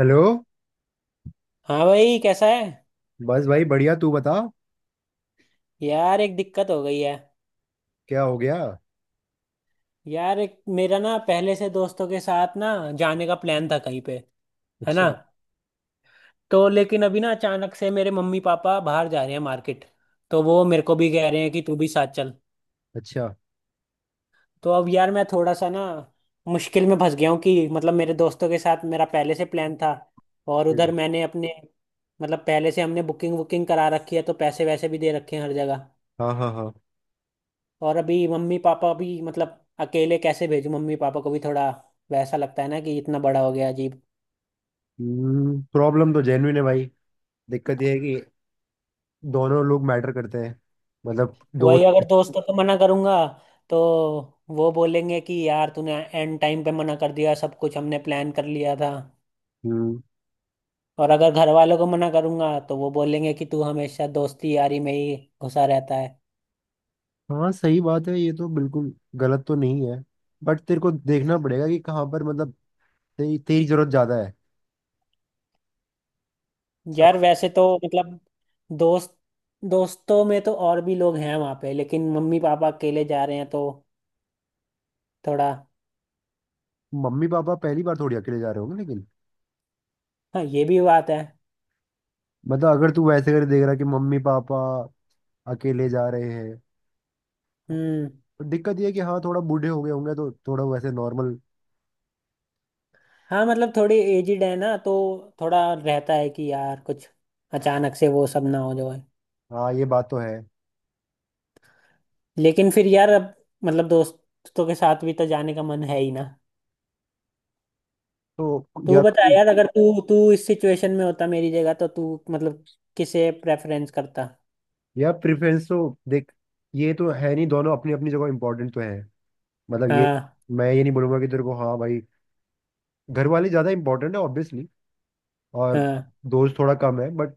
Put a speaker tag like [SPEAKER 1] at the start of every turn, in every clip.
[SPEAKER 1] Hello.
[SPEAKER 2] हाँ भाई, कैसा है।
[SPEAKER 1] बस भाई बढ़िया, तू बता।
[SPEAKER 2] यार, एक दिक्कत हो गई है।
[SPEAKER 1] क्या हो गया?
[SPEAKER 2] यार, एक मेरा ना पहले से दोस्तों के साथ ना जाने का प्लान था कहीं पे। है ना।
[SPEAKER 1] अच्छा।
[SPEAKER 2] तो लेकिन अभी ना अचानक से मेरे मम्मी पापा बाहर जा रहे हैं मार्केट। तो वो मेरे को भी कह रहे हैं कि तू भी साथ चल।
[SPEAKER 1] अच्छा।
[SPEAKER 2] तो अब यार, मैं थोड़ा सा ना मुश्किल में फंस गया हूँ कि मतलब मेरे दोस्तों के साथ मेरा पहले से प्लान था। और
[SPEAKER 1] हम्म,
[SPEAKER 2] उधर मैंने अपने मतलब पहले से हमने बुकिंग वुकिंग करा रखी है, तो पैसे वैसे भी दे रखे हैं हर जगह।
[SPEAKER 1] हाँ हाँ हाँ।
[SPEAKER 2] और अभी मम्मी पापा भी मतलब अकेले कैसे भेजूं, मम्मी पापा को भी थोड़ा वैसा लगता है ना कि इतना बड़ा हो गया अजीब।
[SPEAKER 1] प्रॉब्लम तो जेन्युइन है भाई। दिक्कत यह है कि दोनों लोग मैटर करते हैं। मतलब
[SPEAKER 2] वही अगर
[SPEAKER 1] दोस्त।
[SPEAKER 2] दोस्तों को मना करूंगा तो वो बोलेंगे कि यार तूने एंड टाइम पे मना कर दिया, सब कुछ हमने प्लान कर लिया था।
[SPEAKER 1] हम्म।
[SPEAKER 2] और अगर घर वालों को मना करूंगा तो वो बोलेंगे कि तू हमेशा दोस्ती यारी में ही घुसा रहता है।
[SPEAKER 1] हाँ सही बात है, ये तो बिल्कुल गलत तो नहीं है। बट तेरे को देखना पड़ेगा कि कहाँ पर, मतलब तेरी तेरी जरूरत ज्यादा है।
[SPEAKER 2] यार
[SPEAKER 1] समझ।
[SPEAKER 2] वैसे तो मतलब दोस्त दोस्तों में तो और भी लोग हैं वहां पे, लेकिन मम्मी पापा अकेले जा रहे हैं तो थोड़ा।
[SPEAKER 1] मम्मी पापा पहली बार थोड़ी अकेले जा रहे होंगे लेकिन।
[SPEAKER 2] हाँ, ये भी बात है।
[SPEAKER 1] मतलब अगर तू वैसे कर देख रहा कि मम्मी पापा अकेले जा रहे हैं।
[SPEAKER 2] हम्म।
[SPEAKER 1] दिक्कत ये है कि हाँ, थोड़ा बूढ़े हो गए होंगे तो थोड़ा वैसे नॉर्मल।
[SPEAKER 2] हाँ मतलब थोड़ी एजिड है ना, तो थोड़ा रहता है कि यार कुछ अचानक से वो सब ना हो जाए।
[SPEAKER 1] हाँ ये बात तो है।
[SPEAKER 2] लेकिन फिर यार अब मतलब दोस्तों के साथ भी तो जाने का मन है ही ना।
[SPEAKER 1] तो
[SPEAKER 2] तू
[SPEAKER 1] या तो
[SPEAKER 2] बता
[SPEAKER 1] कोई।
[SPEAKER 2] यार, अगर तू तू इस सिचुएशन में होता मेरी जगह तो तू मतलब किसे प्रेफरेंस करता।
[SPEAKER 1] या प्रेफरेंस तो, देख, ये तो है नहीं, दोनों अपनी अपनी जगह इंपॉर्टेंट तो है। मतलब ये,
[SPEAKER 2] हाँ,
[SPEAKER 1] मैं ये नहीं बोलूंगा कि तेरे को। हाँ भाई, घर वाले ज़्यादा इंपॉर्टेंट है ऑब्वियसली, और
[SPEAKER 2] हाँ,
[SPEAKER 1] दोस्त थोड़ा कम है। बट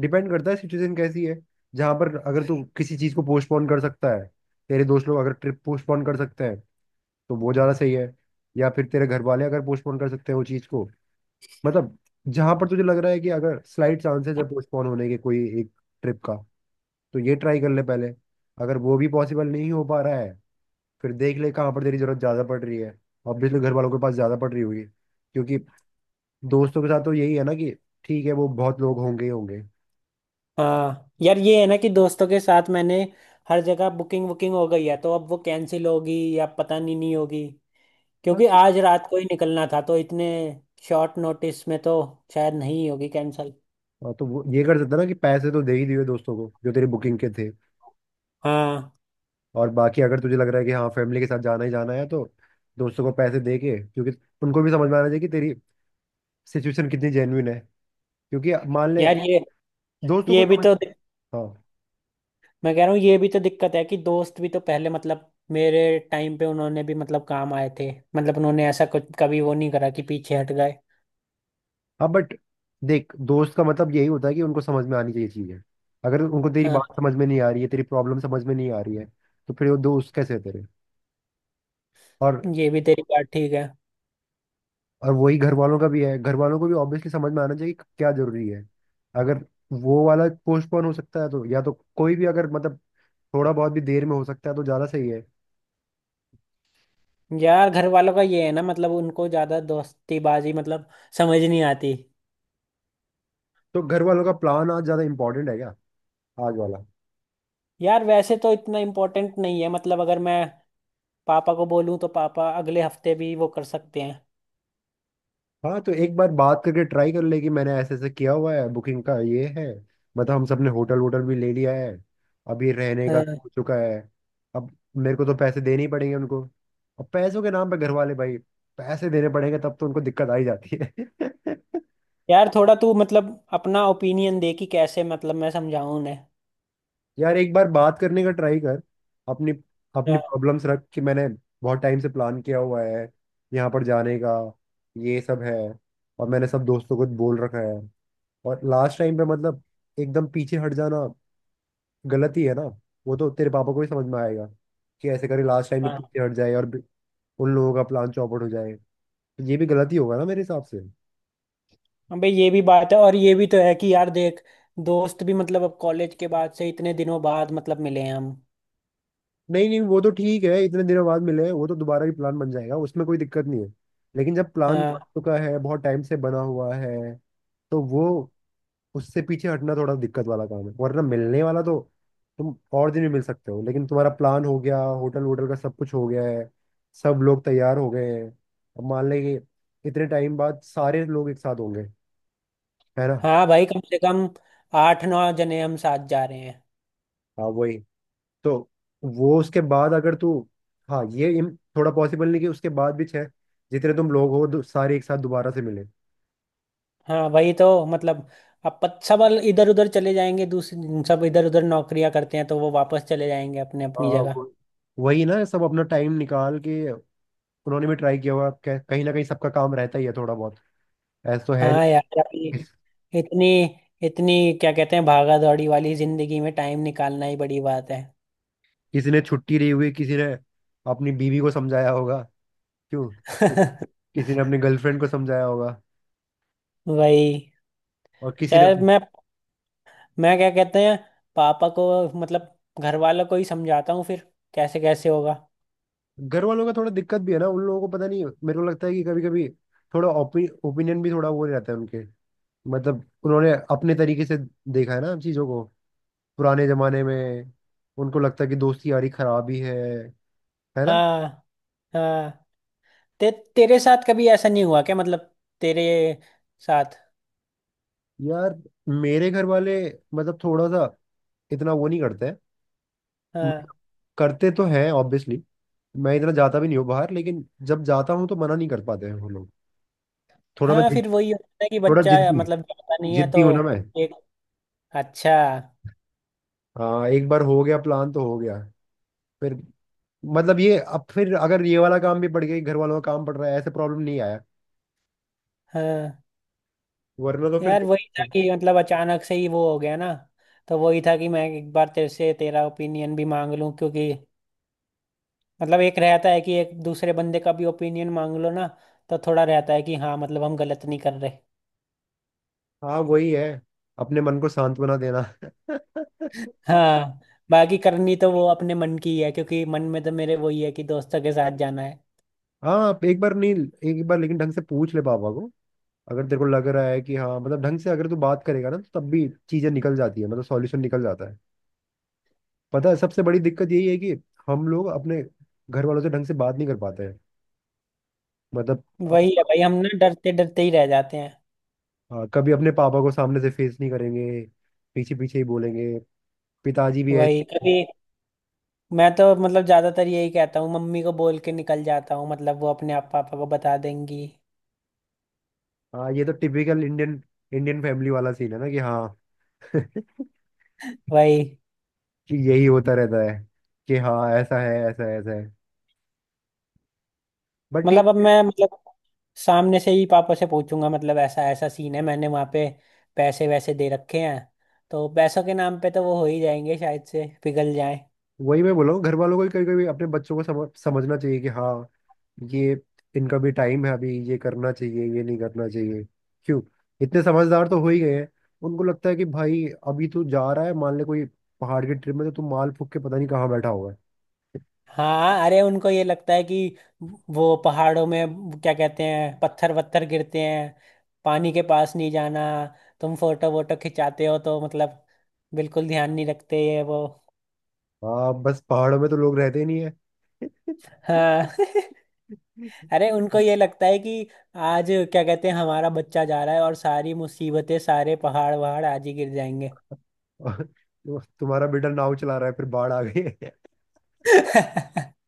[SPEAKER 1] डिपेंड करता है सिचुएशन कैसी है। जहाँ पर अगर तू किसी चीज़ को पोस्टपोन कर सकता है, तेरे दोस्त लोग अगर ट्रिप पोस्टपोन कर सकते हैं तो वो ज़्यादा सही है। या फिर तेरे घर वाले अगर पोस्टपोन कर सकते हैं वो चीज़ को, मतलब जहां पर तुझे लग रहा है कि अगर स्लाइट चांसेस है पोस्टपोन होने के कोई एक ट्रिप का, तो ये ट्राई कर ले पहले। अगर वो भी पॉसिबल नहीं हो पा रहा है, फिर देख ले कहाँ पर तेरी जरूरत ज्यादा पड़ रही है। ऑब्वियसली घर वालों के पास ज्यादा पड़ रही होगी, क्योंकि दोस्तों के साथ तो यही है ना कि ठीक है, वो बहुत लोग होंगे ही होंगे।
[SPEAKER 2] हाँ। यार ये है ना कि दोस्तों के साथ मैंने हर जगह बुकिंग बुकिंग हो गई है तो अब वो कैंसिल होगी या पता नहीं, नहीं होगी।
[SPEAKER 1] हाँ,
[SPEAKER 2] क्योंकि
[SPEAKER 1] तो
[SPEAKER 2] आज रात को ही निकलना था, तो इतने शॉर्ट नोटिस में तो शायद नहीं होगी कैंसिल।
[SPEAKER 1] हाँ, तो वो ये कर सकता ना कि पैसे तो दे ही दिए दोस्तों को जो तेरी बुकिंग के थे।
[SPEAKER 2] हाँ
[SPEAKER 1] और बाकी अगर तुझे लग रहा है कि हाँ, फैमिली के साथ जाना ही जाना है, तो दोस्तों को पैसे दे के, क्योंकि उनको भी समझ में आना चाहिए कि तेरी सिचुएशन कितनी जेन्युइन है। क्योंकि मान ले,
[SPEAKER 2] यार, ये
[SPEAKER 1] दोस्तों को
[SPEAKER 2] ये भी
[SPEAKER 1] समझ।
[SPEAKER 2] तो
[SPEAKER 1] हाँ।
[SPEAKER 2] मैं कह रहा हूँ ये भी तो दिक्कत है कि दोस्त भी तो पहले मतलब मेरे टाइम पे उन्होंने भी मतलब काम आए थे। मतलब उन्होंने ऐसा कुछ कभी वो नहीं करा कि पीछे हट गए।
[SPEAKER 1] हाँ बट देख, दोस्त का मतलब यही होता है कि उनको समझ में आनी चाहिए चीजें। अगर उनको तेरी
[SPEAKER 2] हाँ,
[SPEAKER 1] बात समझ में नहीं आ रही है, तेरी प्रॉब्लम समझ में नहीं आ रही है, तो फिर वो दोस्त कैसे है तेरे। और
[SPEAKER 2] ये भी तेरी बात ठीक है।
[SPEAKER 1] और वही घर वालों का भी है, घर वालों को भी ऑब्वियसली समझ में आना चाहिए कि क्या जरूरी है। अगर वो वाला पोस्टपोन हो सकता है तो, या तो कोई भी अगर मतलब थोड़ा बहुत भी देर में हो सकता है तो ज्यादा सही है।
[SPEAKER 2] यार घर वालों का ये है ना, मतलब उनको ज्यादा दोस्तीबाजी मतलब समझ नहीं आती।
[SPEAKER 1] तो घर वालों का प्लान आज ज्यादा इंपॉर्टेंट है क्या? आज वाला?
[SPEAKER 2] यार वैसे तो इतना इम्पोर्टेंट नहीं है, मतलब अगर मैं पापा को बोलूँ तो पापा अगले हफ्ते भी वो कर सकते हैं।
[SPEAKER 1] हाँ तो एक बार बात करके ट्राई कर ले कि मैंने ऐसे ऐसे किया हुआ है, बुकिंग का ये है, मतलब हम सबने होटल वोटल भी ले लिया है, अभी रहने का भी हो
[SPEAKER 2] हाँ।
[SPEAKER 1] चुका है, अब मेरे को तो पैसे देने ही पड़ेंगे उनको। अब पैसों के नाम पे घर वाले भाई, पैसे देने पड़ेंगे तब तो उनको दिक्कत आ ही जाती है।
[SPEAKER 2] यार थोड़ा तू मतलब अपना ओपिनियन दे कि कैसे मतलब मैं समझाऊं उन्हें।
[SPEAKER 1] यार एक बार बात करने का ट्राई कर। अपनी अपनी प्रॉब्लम्स रख कि मैंने बहुत टाइम से प्लान किया हुआ है, यहाँ पर जाने का, ये सब है, और मैंने सब दोस्तों को बोल रखा है, और लास्ट टाइम पे मतलब एकदम पीछे हट जाना गलत ही है ना। वो तो तेरे पापा को ही समझ में आएगा कि ऐसे करे लास्ट टाइम में
[SPEAKER 2] हाँ।
[SPEAKER 1] पीछे हट जाए और उन लोगों का प्लान चौपट हो जाए, तो ये भी गलत ही होगा ना मेरे हिसाब से।
[SPEAKER 2] हाँ भाई, ये भी बात है और ये भी तो है कि यार देख, दोस्त भी मतलब अब कॉलेज के बाद से इतने दिनों बाद मतलब मिले हैं हम।
[SPEAKER 1] नहीं नहीं वो तो ठीक है इतने दिनों बाद मिले हैं, वो तो दोबारा भी प्लान बन जाएगा, उसमें कोई दिक्कत नहीं है। लेकिन जब प्लान बन
[SPEAKER 2] हाँ।
[SPEAKER 1] चुका है, बहुत टाइम से बना हुआ है, तो वो उससे पीछे हटना थोड़ा दिक्कत वाला काम है। वरना मिलने वाला तो तुम और दिन भी मिल सकते हो, लेकिन तुम्हारा प्लान हो गया, होटल वोटल का सब कुछ हो गया है, सब लोग तैयार हो गए हैं। अब मान लें कि इतने टाइम बाद सारे लोग एक साथ होंगे, है ना।
[SPEAKER 2] हाँ भाई, कम से कम आठ नौ जने हम साथ जा रहे हैं।
[SPEAKER 1] हाँ वही। तो वो उसके बाद अगर तू, हाँ ये थोड़ा पॉसिबल नहीं कि उसके बाद भी छह, जितने तुम लोग हो सारे एक साथ दोबारा से मिले।
[SPEAKER 2] हाँ वही तो मतलब अब सब इधर उधर चले जाएंगे, दूसरे सब इधर उधर नौकरियां करते हैं तो वो वापस चले जाएंगे अपने अपनी
[SPEAKER 1] हाँ।
[SPEAKER 2] जगह।
[SPEAKER 1] वो- वही ना, सब अपना टाइम निकाल के। उन्होंने भी ट्राई किया हुआ, कहीं ना कहीं सबका काम रहता ही है थोड़ा बहुत, ऐसा तो है।
[SPEAKER 2] हाँ यार, अभी
[SPEAKER 1] नहीं।
[SPEAKER 2] इतनी इतनी क्या कहते हैं, भागा दौड़ी वाली जिंदगी में टाइम निकालना ही बड़ी बात है।
[SPEAKER 1] किसी ने छुट्टी ली हुई, किसी ने अपनी बीवी को समझाया होगा, क्यों? कि- किसी ने अपनी गर्लफ्रेंड को समझाया होगा,
[SPEAKER 2] वही,
[SPEAKER 1] और किसी ने।
[SPEAKER 2] चल मैं क्या कहते हैं, पापा को मतलब घर वालों को ही समझाता हूँ फिर। कैसे कैसे होगा।
[SPEAKER 1] घर वालों का थोड़ा दिक्कत भी है ना, उन लोगों को पता नहीं। मेरे को लगता है कि कभी कभी थोड़ा ओपिनियन भी थोड़ा वो रहता है उनके। मतलब उन्होंने अपने तरीके से देखा है ना चीजों को, पुराने जमाने में। उनको लगता है कि दोस्ती यारी खराब ही है ना।
[SPEAKER 2] हाँ, हाँ, ते, तेरे साथ कभी ऐसा नहीं हुआ क्या मतलब तेरे साथ।
[SPEAKER 1] यार मेरे घर वाले मतलब थोड़ा सा इतना वो नहीं करते हैं।
[SPEAKER 2] हाँ।
[SPEAKER 1] मतलब करते तो हैं ऑब्वियसली। मैं इतना जाता भी नहीं हूँ बाहर, लेकिन जब जाता हूँ तो मना नहीं कर पाते हैं वो लोग। थोड़ा मैं
[SPEAKER 2] हाँ, फिर वही होता है कि
[SPEAKER 1] थोड़ा
[SPEAKER 2] बच्चा
[SPEAKER 1] जिद्दी,
[SPEAKER 2] मतलब जाता नहीं है
[SPEAKER 1] जिद्दी
[SPEAKER 2] तो।
[SPEAKER 1] हूँ ना मैं।
[SPEAKER 2] एक अच्छा।
[SPEAKER 1] हाँ एक बार हो गया प्लान तो हो गया। फिर मतलब ये, अब फिर अगर ये वाला काम भी पड़ गया, घर वालों का काम पड़ रहा है, ऐसे प्रॉब्लम नहीं आया।
[SPEAKER 2] हाँ
[SPEAKER 1] वरना तो फिर
[SPEAKER 2] यार, वही था
[SPEAKER 1] देख-।
[SPEAKER 2] कि मतलब अचानक से ही वो हो गया ना। तो वही था कि मैं एक बार तेरे से तेरा ओपिनियन भी मांग लूं क्योंकि मतलब एक रहता है कि एक दूसरे बंदे का भी ओपिनियन मांग लो ना। तो थोड़ा रहता है कि हाँ मतलब हम गलत नहीं कर रहे।
[SPEAKER 1] हाँ वही है, अपने मन को सांत्वना देना।
[SPEAKER 2] हाँ। बाकी करनी तो वो अपने मन की ही है, क्योंकि मन में तो मेरे वही है कि दोस्तों के साथ जाना है।
[SPEAKER 1] हाँ आप एक बार नहीं, एक बार लेकिन ढंग से पूछ ले पापा को। अगर तेरे को लग रहा है कि हाँ मतलब ढंग से अगर तू बात करेगा ना, तो तब भी चीजें निकल जाती है, मतलब सॉल्यूशन निकल जाता है। पता है सबसे बड़ी दिक्कत यही है कि हम लोग अपने घर वालों से ढंग से बात नहीं कर पाते हैं, मतलब।
[SPEAKER 2] वही है भाई, हम ना डरते डरते ही रह जाते हैं।
[SPEAKER 1] हाँ, कभी अपने पापा को सामने से फेस नहीं करेंगे, पीछे पीछे ही बोलेंगे, पिताजी भी
[SPEAKER 2] वही,
[SPEAKER 1] ऐसे।
[SPEAKER 2] कभी मैं तो मतलब ज्यादातर यही कहता हूँ, मम्मी को बोल के निकल जाता हूँ, मतलब वो अपने आप पापा को बता देंगी।
[SPEAKER 1] हाँ ये तो टिपिकल इंडियन इंडियन फैमिली वाला सीन है ना कि हाँ कि
[SPEAKER 2] वही
[SPEAKER 1] यही होता रहता है, कि हाँ ऐसा है ऐसा है ऐसा है, बट ठीक
[SPEAKER 2] मतलब अब
[SPEAKER 1] है।
[SPEAKER 2] मैं मतलब सामने से ही पापा से पूछूंगा, मतलब ऐसा ऐसा सीन है, मैंने वहाँ पे पैसे वैसे दे रखे हैं। तो पैसों के नाम पे तो वो हो ही जाएंगे, शायद से पिघल जाए।
[SPEAKER 1] वही मैं बोल रहा हूँ, घर वालों को भी कभी कभी अपने बच्चों को समझना चाहिए कि हाँ ये इनका भी टाइम है, अभी ये करना चाहिए, ये नहीं करना चाहिए, क्यों? इतने समझदार तो हो ही गए हैं। उनको लगता है कि भाई अभी तू जा रहा है, मान ले कोई पहाड़ की ट्रिप में, तो तू माल फूक के पता नहीं कहाँ बैठा हुआ है।
[SPEAKER 2] हाँ अरे, उनको ये लगता है कि वो पहाड़ों में क्या कहते हैं पत्थर वत्थर गिरते हैं। पानी के पास नहीं जाना, तुम फोटो वोटो खिंचाते हो तो मतलब बिल्कुल ध्यान नहीं रखते ये वो।
[SPEAKER 1] हाँ बस पहाड़ों में तो लोग रहते ही नहीं है।
[SPEAKER 2] हाँ। अरे उनको ये लगता है कि आज क्या कहते हैं, हमारा बच्चा जा रहा है और सारी मुसीबतें सारे पहाड़ वहाड़ आज ही गिर जाएंगे।
[SPEAKER 1] और तो तुम्हारा बेटा नाव चला रहा है फिर, बाढ़ आ गई है।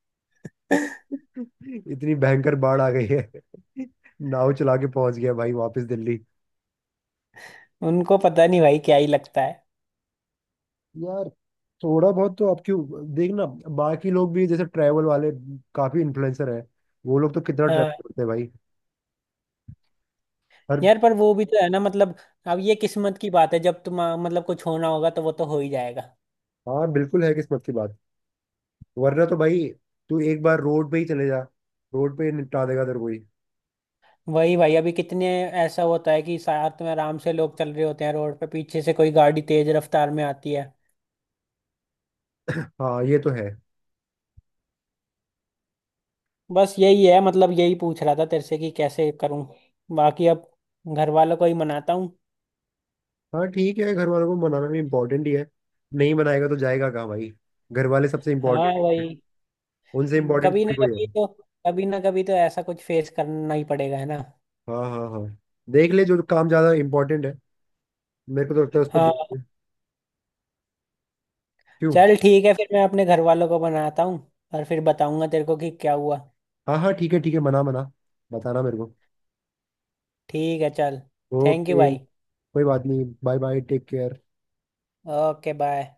[SPEAKER 1] इतनी भयंकर बाढ़ आ गई है, नाव चला के पहुंच गया भाई वापस दिल्ली।
[SPEAKER 2] उनको पता नहीं भाई क्या ही लगता है।
[SPEAKER 1] यार थोड़ा बहुत तो आप क्यों देखना, बाकी लोग भी जैसे ट्रैवल वाले काफी इन्फ्लुएंसर हैं, वो लोग तो कितना
[SPEAKER 2] हाँ।
[SPEAKER 1] ट्रैवल करते हैं भाई। हर।
[SPEAKER 2] यार पर वो भी तो है ना, मतलब अब ये किस्मत की बात है, जब तुम मतलब कुछ होना होगा तो वो तो हो ही जाएगा।
[SPEAKER 1] हाँ बिल्कुल है किस्मत की बात, वरना तो भाई तू एक बार रोड पे ही चले जा, रोड पे ही निपटा देगा तेरे को ही।
[SPEAKER 2] वही भाई, अभी कितने ऐसा होता है कि साथ में आराम से लोग चल रहे होते हैं रोड पे, पीछे से कोई गाड़ी तेज रफ्तार में आती है।
[SPEAKER 1] हाँ ये तो है।
[SPEAKER 2] बस यही है, मतलब यही पूछ रहा था तेरे से कि कैसे करूं। बाकी अब घर वालों को ही मनाता हूँ।
[SPEAKER 1] हाँ ठीक है, घर वालों को मनाना भी इम्पोर्टेंट ही है। नहीं मनाएगा तो जाएगा कहाँ भाई, घर वाले सबसे
[SPEAKER 2] हाँ
[SPEAKER 1] इम्पोर्टेंट,
[SPEAKER 2] वही,
[SPEAKER 1] उनसे इम्पोर्टेंट
[SPEAKER 2] कभी ना
[SPEAKER 1] थोड़ी कोई है।
[SPEAKER 2] कभी तो कभी ना कभी तो ऐसा कुछ फेस करना ही पड़ेगा, है ना।
[SPEAKER 1] हाँ हाँ हाँ, देख ले जो काम ज्यादा इम्पोर्टेंट है, मेरे को तो लगता है उस पर
[SPEAKER 2] हाँ।
[SPEAKER 1] जो, क्यों।
[SPEAKER 2] चल ठीक है, फिर मैं अपने घर वालों को बनाता हूँ और फिर बताऊंगा तेरे को कि क्या हुआ।
[SPEAKER 1] हाँ हाँ ठीक है ठीक है, मना मना, बताना मेरे को।
[SPEAKER 2] ठीक है, चल। थैंक यू
[SPEAKER 1] ओके,
[SPEAKER 2] भाई।
[SPEAKER 1] कोई बात नहीं, bye bye, take care.
[SPEAKER 2] Okay bye.